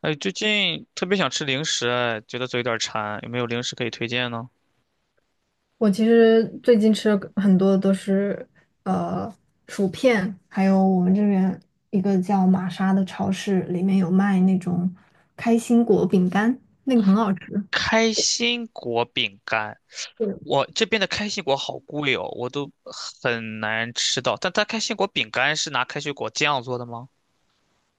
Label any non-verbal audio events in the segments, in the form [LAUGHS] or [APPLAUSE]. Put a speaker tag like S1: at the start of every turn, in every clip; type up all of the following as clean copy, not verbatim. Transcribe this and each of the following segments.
S1: 哎，最近特别想吃零食，哎，觉得嘴有点馋，有没有零食可以推荐呢？
S2: 我其实最近吃了很多都是呃薯片，还有我们这边一个叫玛莎的超市，里面有卖那种开心果饼干，那个很好吃。
S1: 开心果饼干，
S2: 对，
S1: 我这边的开心果好贵哦，我都很难吃到。但它开心果饼干是拿开心果酱做的吗？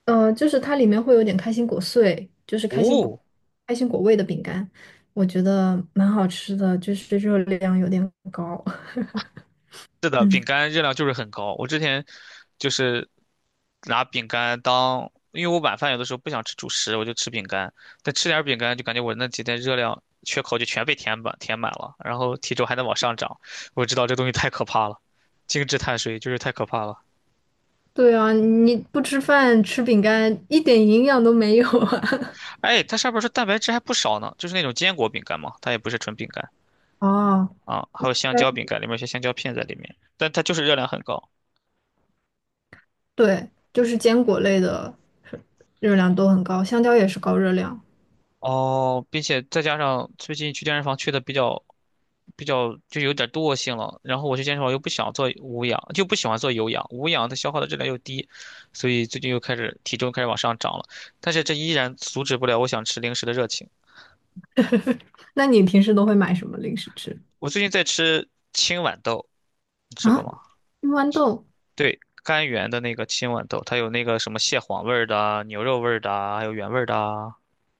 S2: 就是它里面会有点开心果碎，就是
S1: 哦，
S2: 开心果味的饼干，我觉得蛮好吃的，就是热量有点高。[LAUGHS]
S1: 是的，饼
S2: 嗯，
S1: 干热量就是很高。我之前就是拿饼干当，因为我晚饭有的时候不想吃主食，我就吃饼干。但吃点儿饼干就感觉我那几天热量缺口就全被填满了，然后体重还能往上涨。我知道这东西太可怕了，精致碳水就是太可怕了。
S2: 对啊，你不吃饭吃饼干一点营养都没有啊。
S1: 哎，它上面说蛋白质还不少呢，就是那种坚果饼干嘛，它也不是纯饼干
S2: [LAUGHS] 哦，
S1: 啊，还有香蕉饼干，里面有些香蕉片在里面，但它就是热量很高。
S2: 对，就是坚果类的热量都很高，香蕉也是高热量。
S1: 哦，并且再加上最近去健身房去的比较就有点惰性了，然后我去健身房又不想做无氧，就不喜欢做有氧，无氧它消耗的热量又低，所以最近又开始体重开始往上涨了，但是这依然阻止不了我想吃零食的热情。
S2: 那你平时都会买什么零食吃
S1: 我最近在吃青豌豆，你吃过
S2: 啊？
S1: 吗？
S2: 青豌豆，
S1: 对，甘源的那个青豌豆，它有那个什么蟹黄味儿的啊牛肉味儿的啊还有原味儿的啊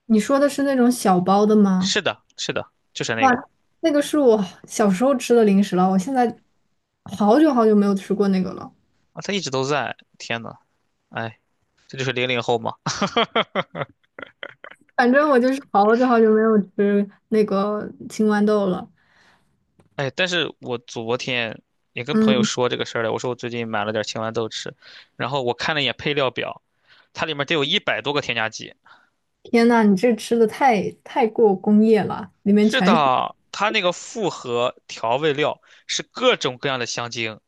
S2: 你说的是那种小包的吗？
S1: 是的，是的，就是那
S2: 哇，
S1: 个
S2: 那个是我小时候吃的零食了，我现在好久好久没有吃过那个了。
S1: 啊，它一直都在。天呐，哎，这就是00后嘛。
S2: 反正我就是好久好久没有吃那个青豌豆了。
S1: 哎，但是我昨天也跟朋友
S2: 嗯，
S1: 说这个事儿了，我说我最近买了点青豌豆吃，然后我看了一眼配料表，它里面得有100多个添加剂。
S2: 天呐，你这吃的太过工业了，里面
S1: 是
S2: 全是。
S1: 的，它那个复合调味料是各种各样的香精，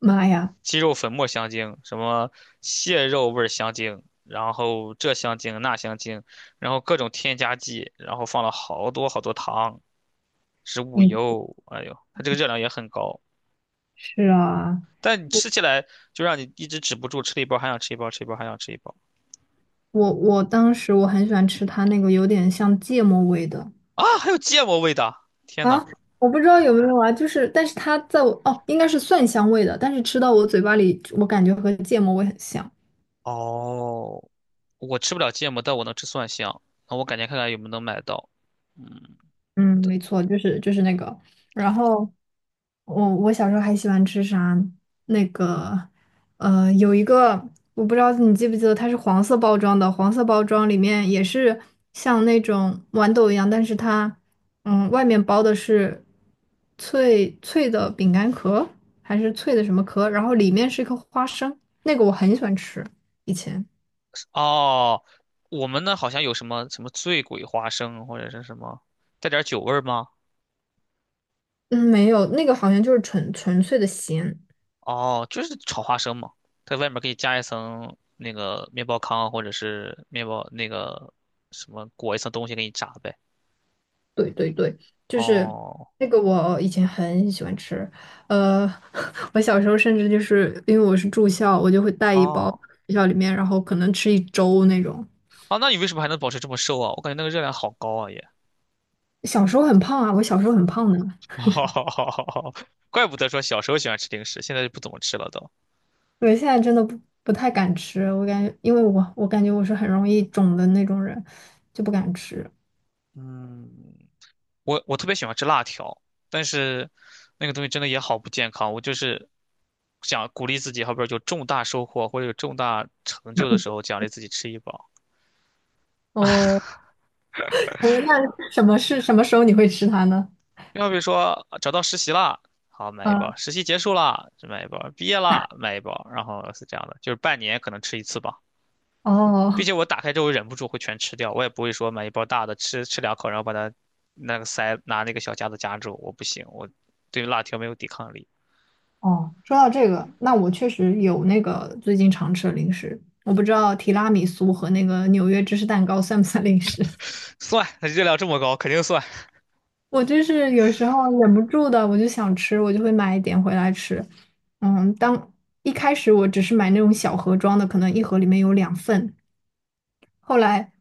S2: 妈呀！
S1: 鸡肉粉末香精，什么蟹肉味儿香精，然后这香精那香精，然后各种添加剂，然后放了好多好多糖、植物
S2: 嗯，
S1: 油，哎呦，它这个热量也很高。
S2: 是啊，
S1: 但你吃起来就让你一直止不住，吃了一包还想吃一包，吃一包还想吃一包
S2: 我当时我很喜欢吃它那个有点像芥末味的
S1: 啊！还有芥末味的，天呐，
S2: 啊，我不知道有没有啊，就是但是它在我哦应该是蒜香味的，但是吃到我嘴巴里，我感觉和芥末味很像。
S1: 哦，我吃不了芥末，但我能吃蒜香。那我感觉看看有没有能买到。嗯。
S2: 嗯，没错，就是那个。然后我小时候还喜欢吃啥？那个有一个我不知道你记不记得，它是黄色包装的，黄色包装里面也是像那种豌豆一样，但是它嗯外面包的是脆脆的饼干壳，还是脆的什么壳，然后里面是一颗花生，那个我很喜欢吃，以前。
S1: 哦，我们那好像有什么什么醉鬼花生或者是什么，带点酒味儿吗？
S2: 嗯，没有，那个好像就是纯粹的咸。
S1: 哦，就是炒花生嘛，在外面可以加一层那个面包糠或者是面包那个什么裹一层东西给你炸呗。
S2: 对对对，就是
S1: 哦。
S2: 那个我以前很喜欢吃，呃，[LAUGHS] 我小时候甚至就是因为我是住校，我就会带一包
S1: 哦。
S2: 学校里面，然后可能吃一周那种。
S1: 啊，那你为什么还能保持这么瘦啊？我感觉那个热量好高啊也，
S2: 小时候很胖啊，我小时候很胖的。
S1: [LAUGHS] 好好好好好，怪不得说小时候喜欢吃零食，现在就不怎么吃了都。
S2: 对，现在真的不太敢吃，我感觉因为我感觉我是很容易肿的那种人，就不敢吃。
S1: 嗯，我特别喜欢吃辣条，但是那个东西真的也好不健康。我就是想鼓励自己，好比说有重大收获或者有重大成就的时候，奖励自己吃一包。
S2: 哦，那什么是什么时候你会吃它呢？
S1: 要比如说啊找到实习啦，好买一包；
S2: 啊，
S1: 实习结束啦，就买一包；毕业啦，买一包。然后是这样的，就是半年可能吃一次吧。并
S2: 哦，
S1: 且我打开之后忍不住会全吃掉，我也不会说买一包大的吃吃两口，然后把它那个塞拿那个小夹子夹住，我不行，我对辣条没有抵抗力。
S2: 哦，说到这个，那我确实有那个最近常吃的零食，我不知道提拉米苏和那个纽约芝士蛋糕算不算零食。[LAUGHS]
S1: 算，它热量这么高，肯定算。
S2: 我就是有时候忍不住的，我就想吃，我就会买一点回来吃。嗯，当一开始我只是买那种小盒装的，可能一盒里面有两份，后来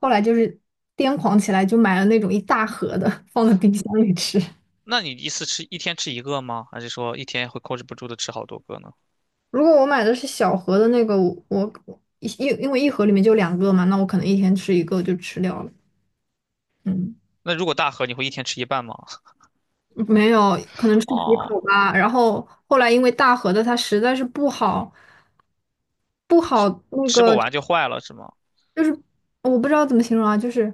S2: 后来就是癫狂起来，就买了那种一大盒的，放在冰箱里吃。
S1: 那你一次吃一天吃一个吗？还是说一天会控制不住的吃好多个呢？
S2: 如果我买的是小盒的那个，我因为一盒里面就两个嘛，那我可能一天吃一个就吃掉了。嗯，
S1: 那如果大盒，你会一天吃一半吗？
S2: 没有，可能吃几
S1: 哦，
S2: 口吧。然后后来因为大盒的它实在是不好，不好那
S1: 吃不
S2: 个
S1: 完就坏了是吗？
S2: 就是我不知道怎么形容啊，就是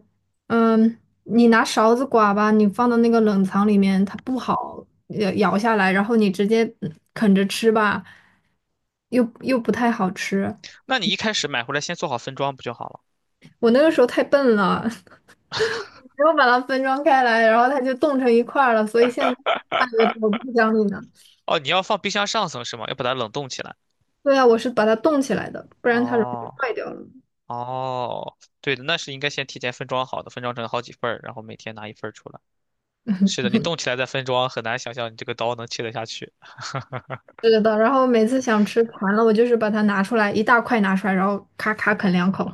S2: 嗯，你拿勺子刮吧，你放到那个冷藏里面，它不好咬下来，然后你直接嗯啃着吃吧，又不太好吃。
S1: 那你一开始买回来先做好分装不就好了？
S2: 我那个时候太笨了，[LAUGHS] 没有把它分装开来，然后它就冻成一块儿了，所以现在卖给我不讲理呢。
S1: 哦，你要放冰箱上层是吗？要把它冷冻起来。
S2: 对啊，我是把它冻起来的，不然它容易
S1: 哦，
S2: 坏掉了。
S1: 哦，对的，那是应该先提前分装好的，分装成好几份儿，然后每天拿一份儿出来。是的，你动起来再分装，很难想象你这个刀能切得下去。
S2: 是的，然后每次想吃馋了，我就是把它拿出来一大块拿出来，然后咔咔啃两口。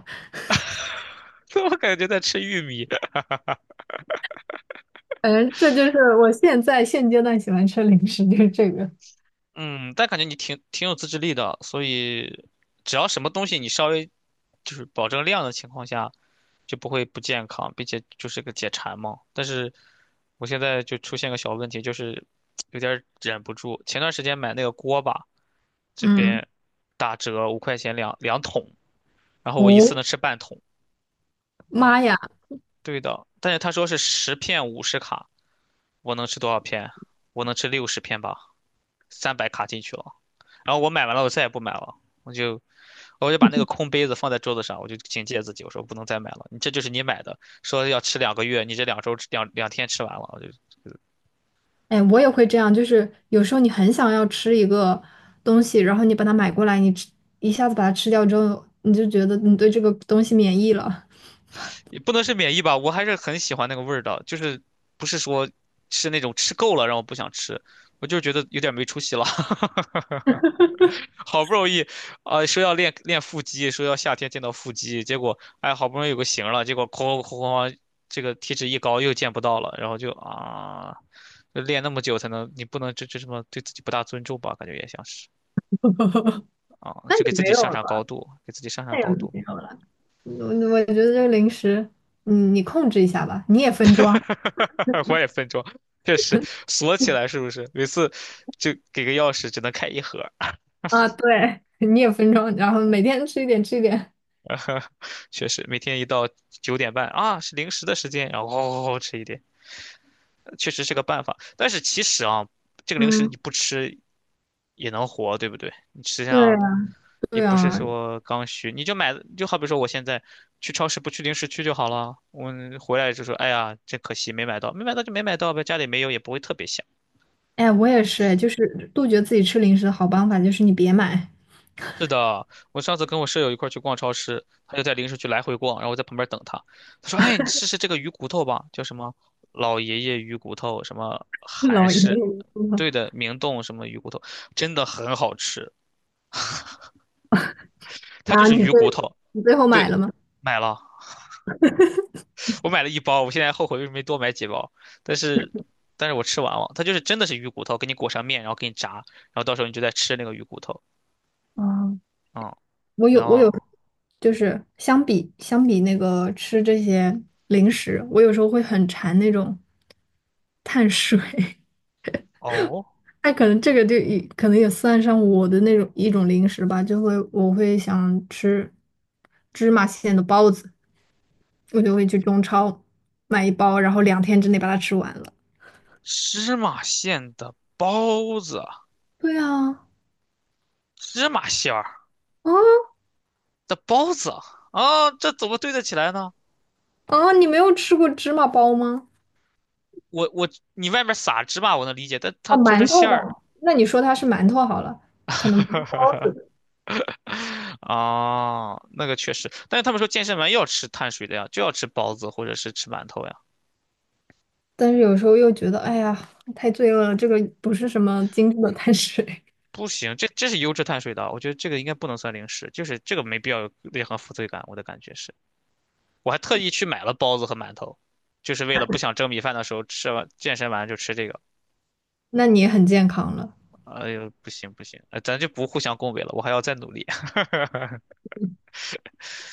S1: [LAUGHS] 我感觉在吃玉米。
S2: 反正这就是我现在现阶段喜欢吃零食，就是这个。
S1: 嗯，但感觉你挺有自制力的，所以只要什么东西你稍微就是保证量的情况下，就不会不健康，并且就是个解馋嘛。但是我现在就出现个小问题，就是有点儿忍不住。前段时间买那个锅巴，这
S2: 嗯，
S1: 边打折5块钱两桶，然后我一次
S2: 哦，
S1: 能吃半桶。
S2: 妈
S1: 嗯，
S2: 呀，
S1: 对的，但是他说是10片50卡，我能吃多少片？我能吃60片吧，300卡进去了。然后我买完了，我再也不买了，我就我就把那个空杯子放在桌子上，我就警戒自己，我说不能再买了。你这就是你买的，说要吃2个月，你这2周两天吃完了，我就
S2: 哎，我也会这样，就是有时候你很想要吃一个东西，然后你把它买过来，你吃一下子把它吃掉之后，你就觉得你对这个东西免疫了。
S1: 也不能是免疫吧，我还是很喜欢那个味儿的，就是不是说吃那种吃够了让我不想吃，我就是觉得有点没出息了。[LAUGHS] 好不容易，啊、说要练练腹肌，说要夏天见到腹肌，结果哎，好不容易有个型儿了，结果哐哐哐哐，这个体脂一高又见不到了，然后就啊，就练那么久才能，你不能这什么对自己不大尊重吧？感觉也像是啊，
S2: 那
S1: 就
S2: 也
S1: 给自
S2: 没
S1: 己
S2: 有
S1: 上
S2: 了
S1: 上高
S2: 吧，
S1: 度，给自己上上
S2: 那也
S1: 高度。
S2: 没有了。我觉得这个零食，嗯，你控制一下吧，你也分装。
S1: [LAUGHS] 我也分装，确实锁起来是不是？每次就给个钥匙只能开一盒儿，
S2: 啊，对，[LAUGHS] 你也分装，然后每天吃一点，吃一点。
S1: [LAUGHS] 确实每天一到9:30啊是零食的时间，然后吃一点。确实是个办法。但是其实啊，这个零食
S2: 嗯，
S1: 你不吃也能活，对不对？你实际
S2: 对啊，
S1: 上也
S2: 对
S1: 不是
S2: 啊，
S1: 说刚需，你就买，就好比说我现在去超市不去零食区就好了。我回来就说，哎呀，真可惜没买到，没买到就没买到呗，家里没有也不会特别想。
S2: 哎，我也是，就是杜绝自己吃零食的好办法就是你别买。
S1: 是的，我上次跟我舍友一块儿去逛超市，他就在零食区来回逛，然后我在旁边等他。他说：“哎，你试试这个鱼骨头吧，叫什么老爷爷鱼骨头，什么
S2: [LAUGHS]
S1: 韩
S2: 老爷爷
S1: 式，
S2: 说
S1: 对的，明洞什么鱼骨头，真的很好吃。它
S2: 然
S1: 就
S2: 后
S1: 是
S2: 你
S1: 鱼
S2: 会，
S1: 骨头，
S2: 你最后买
S1: 对，
S2: 了吗？
S1: 买了，我买了一包，我现在后悔为什么没多买几包，但是，但是我吃完了，它就是真的是鱼骨头，给你裹上面，然后给你炸，然后到时候你就在吃那个鱼骨头，
S2: 啊，
S1: 嗯，然
S2: 我有，
S1: 后
S2: 就是相比那个吃这些零食，我有时候会很馋那种碳水。[LAUGHS]
S1: 哦，
S2: 哎，可能这个就也可能也算上我的那种一种零食吧，就会我会想吃芝麻馅的包子，我就会去中超买一包，然后两天之内把它吃完了。
S1: 芝麻馅的包子。”
S2: 对啊，
S1: 芝麻馅儿
S2: 啊
S1: 的包子啊，哦这怎么对得起来呢？
S2: 啊，你没有吃过芝麻包吗？
S1: 我你外面撒芝麻我能理解，但它
S2: 啊，
S1: 做成
S2: 馒头
S1: 馅
S2: 吧，
S1: 儿，
S2: 那你说它是馒头好了，可能不是包子，
S1: [LAUGHS] 啊，那个确实，但是他们说健身完要吃碳水的呀，就要吃包子或者是吃馒头呀，
S2: 但是有时候又觉得，哎呀，太罪恶了，这个不是什么精致的碳水。
S1: 不行，这是优质碳水的，我觉得这个应该不能算零食，就是这个没必要有任何负罪感，我的感觉是，我还特意去买了包子和馒头，就是为了不想蒸米饭的时候吃完健身完就吃这个，
S2: [LAUGHS] 那你也很健康了。
S1: 哎呦不行不行，咱就不互相恭维了，我还要再努力。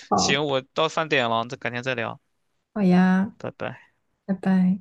S2: 好，
S1: 行，我到饭点了，再改天再聊，
S2: 好呀，
S1: 拜拜。
S2: 拜拜。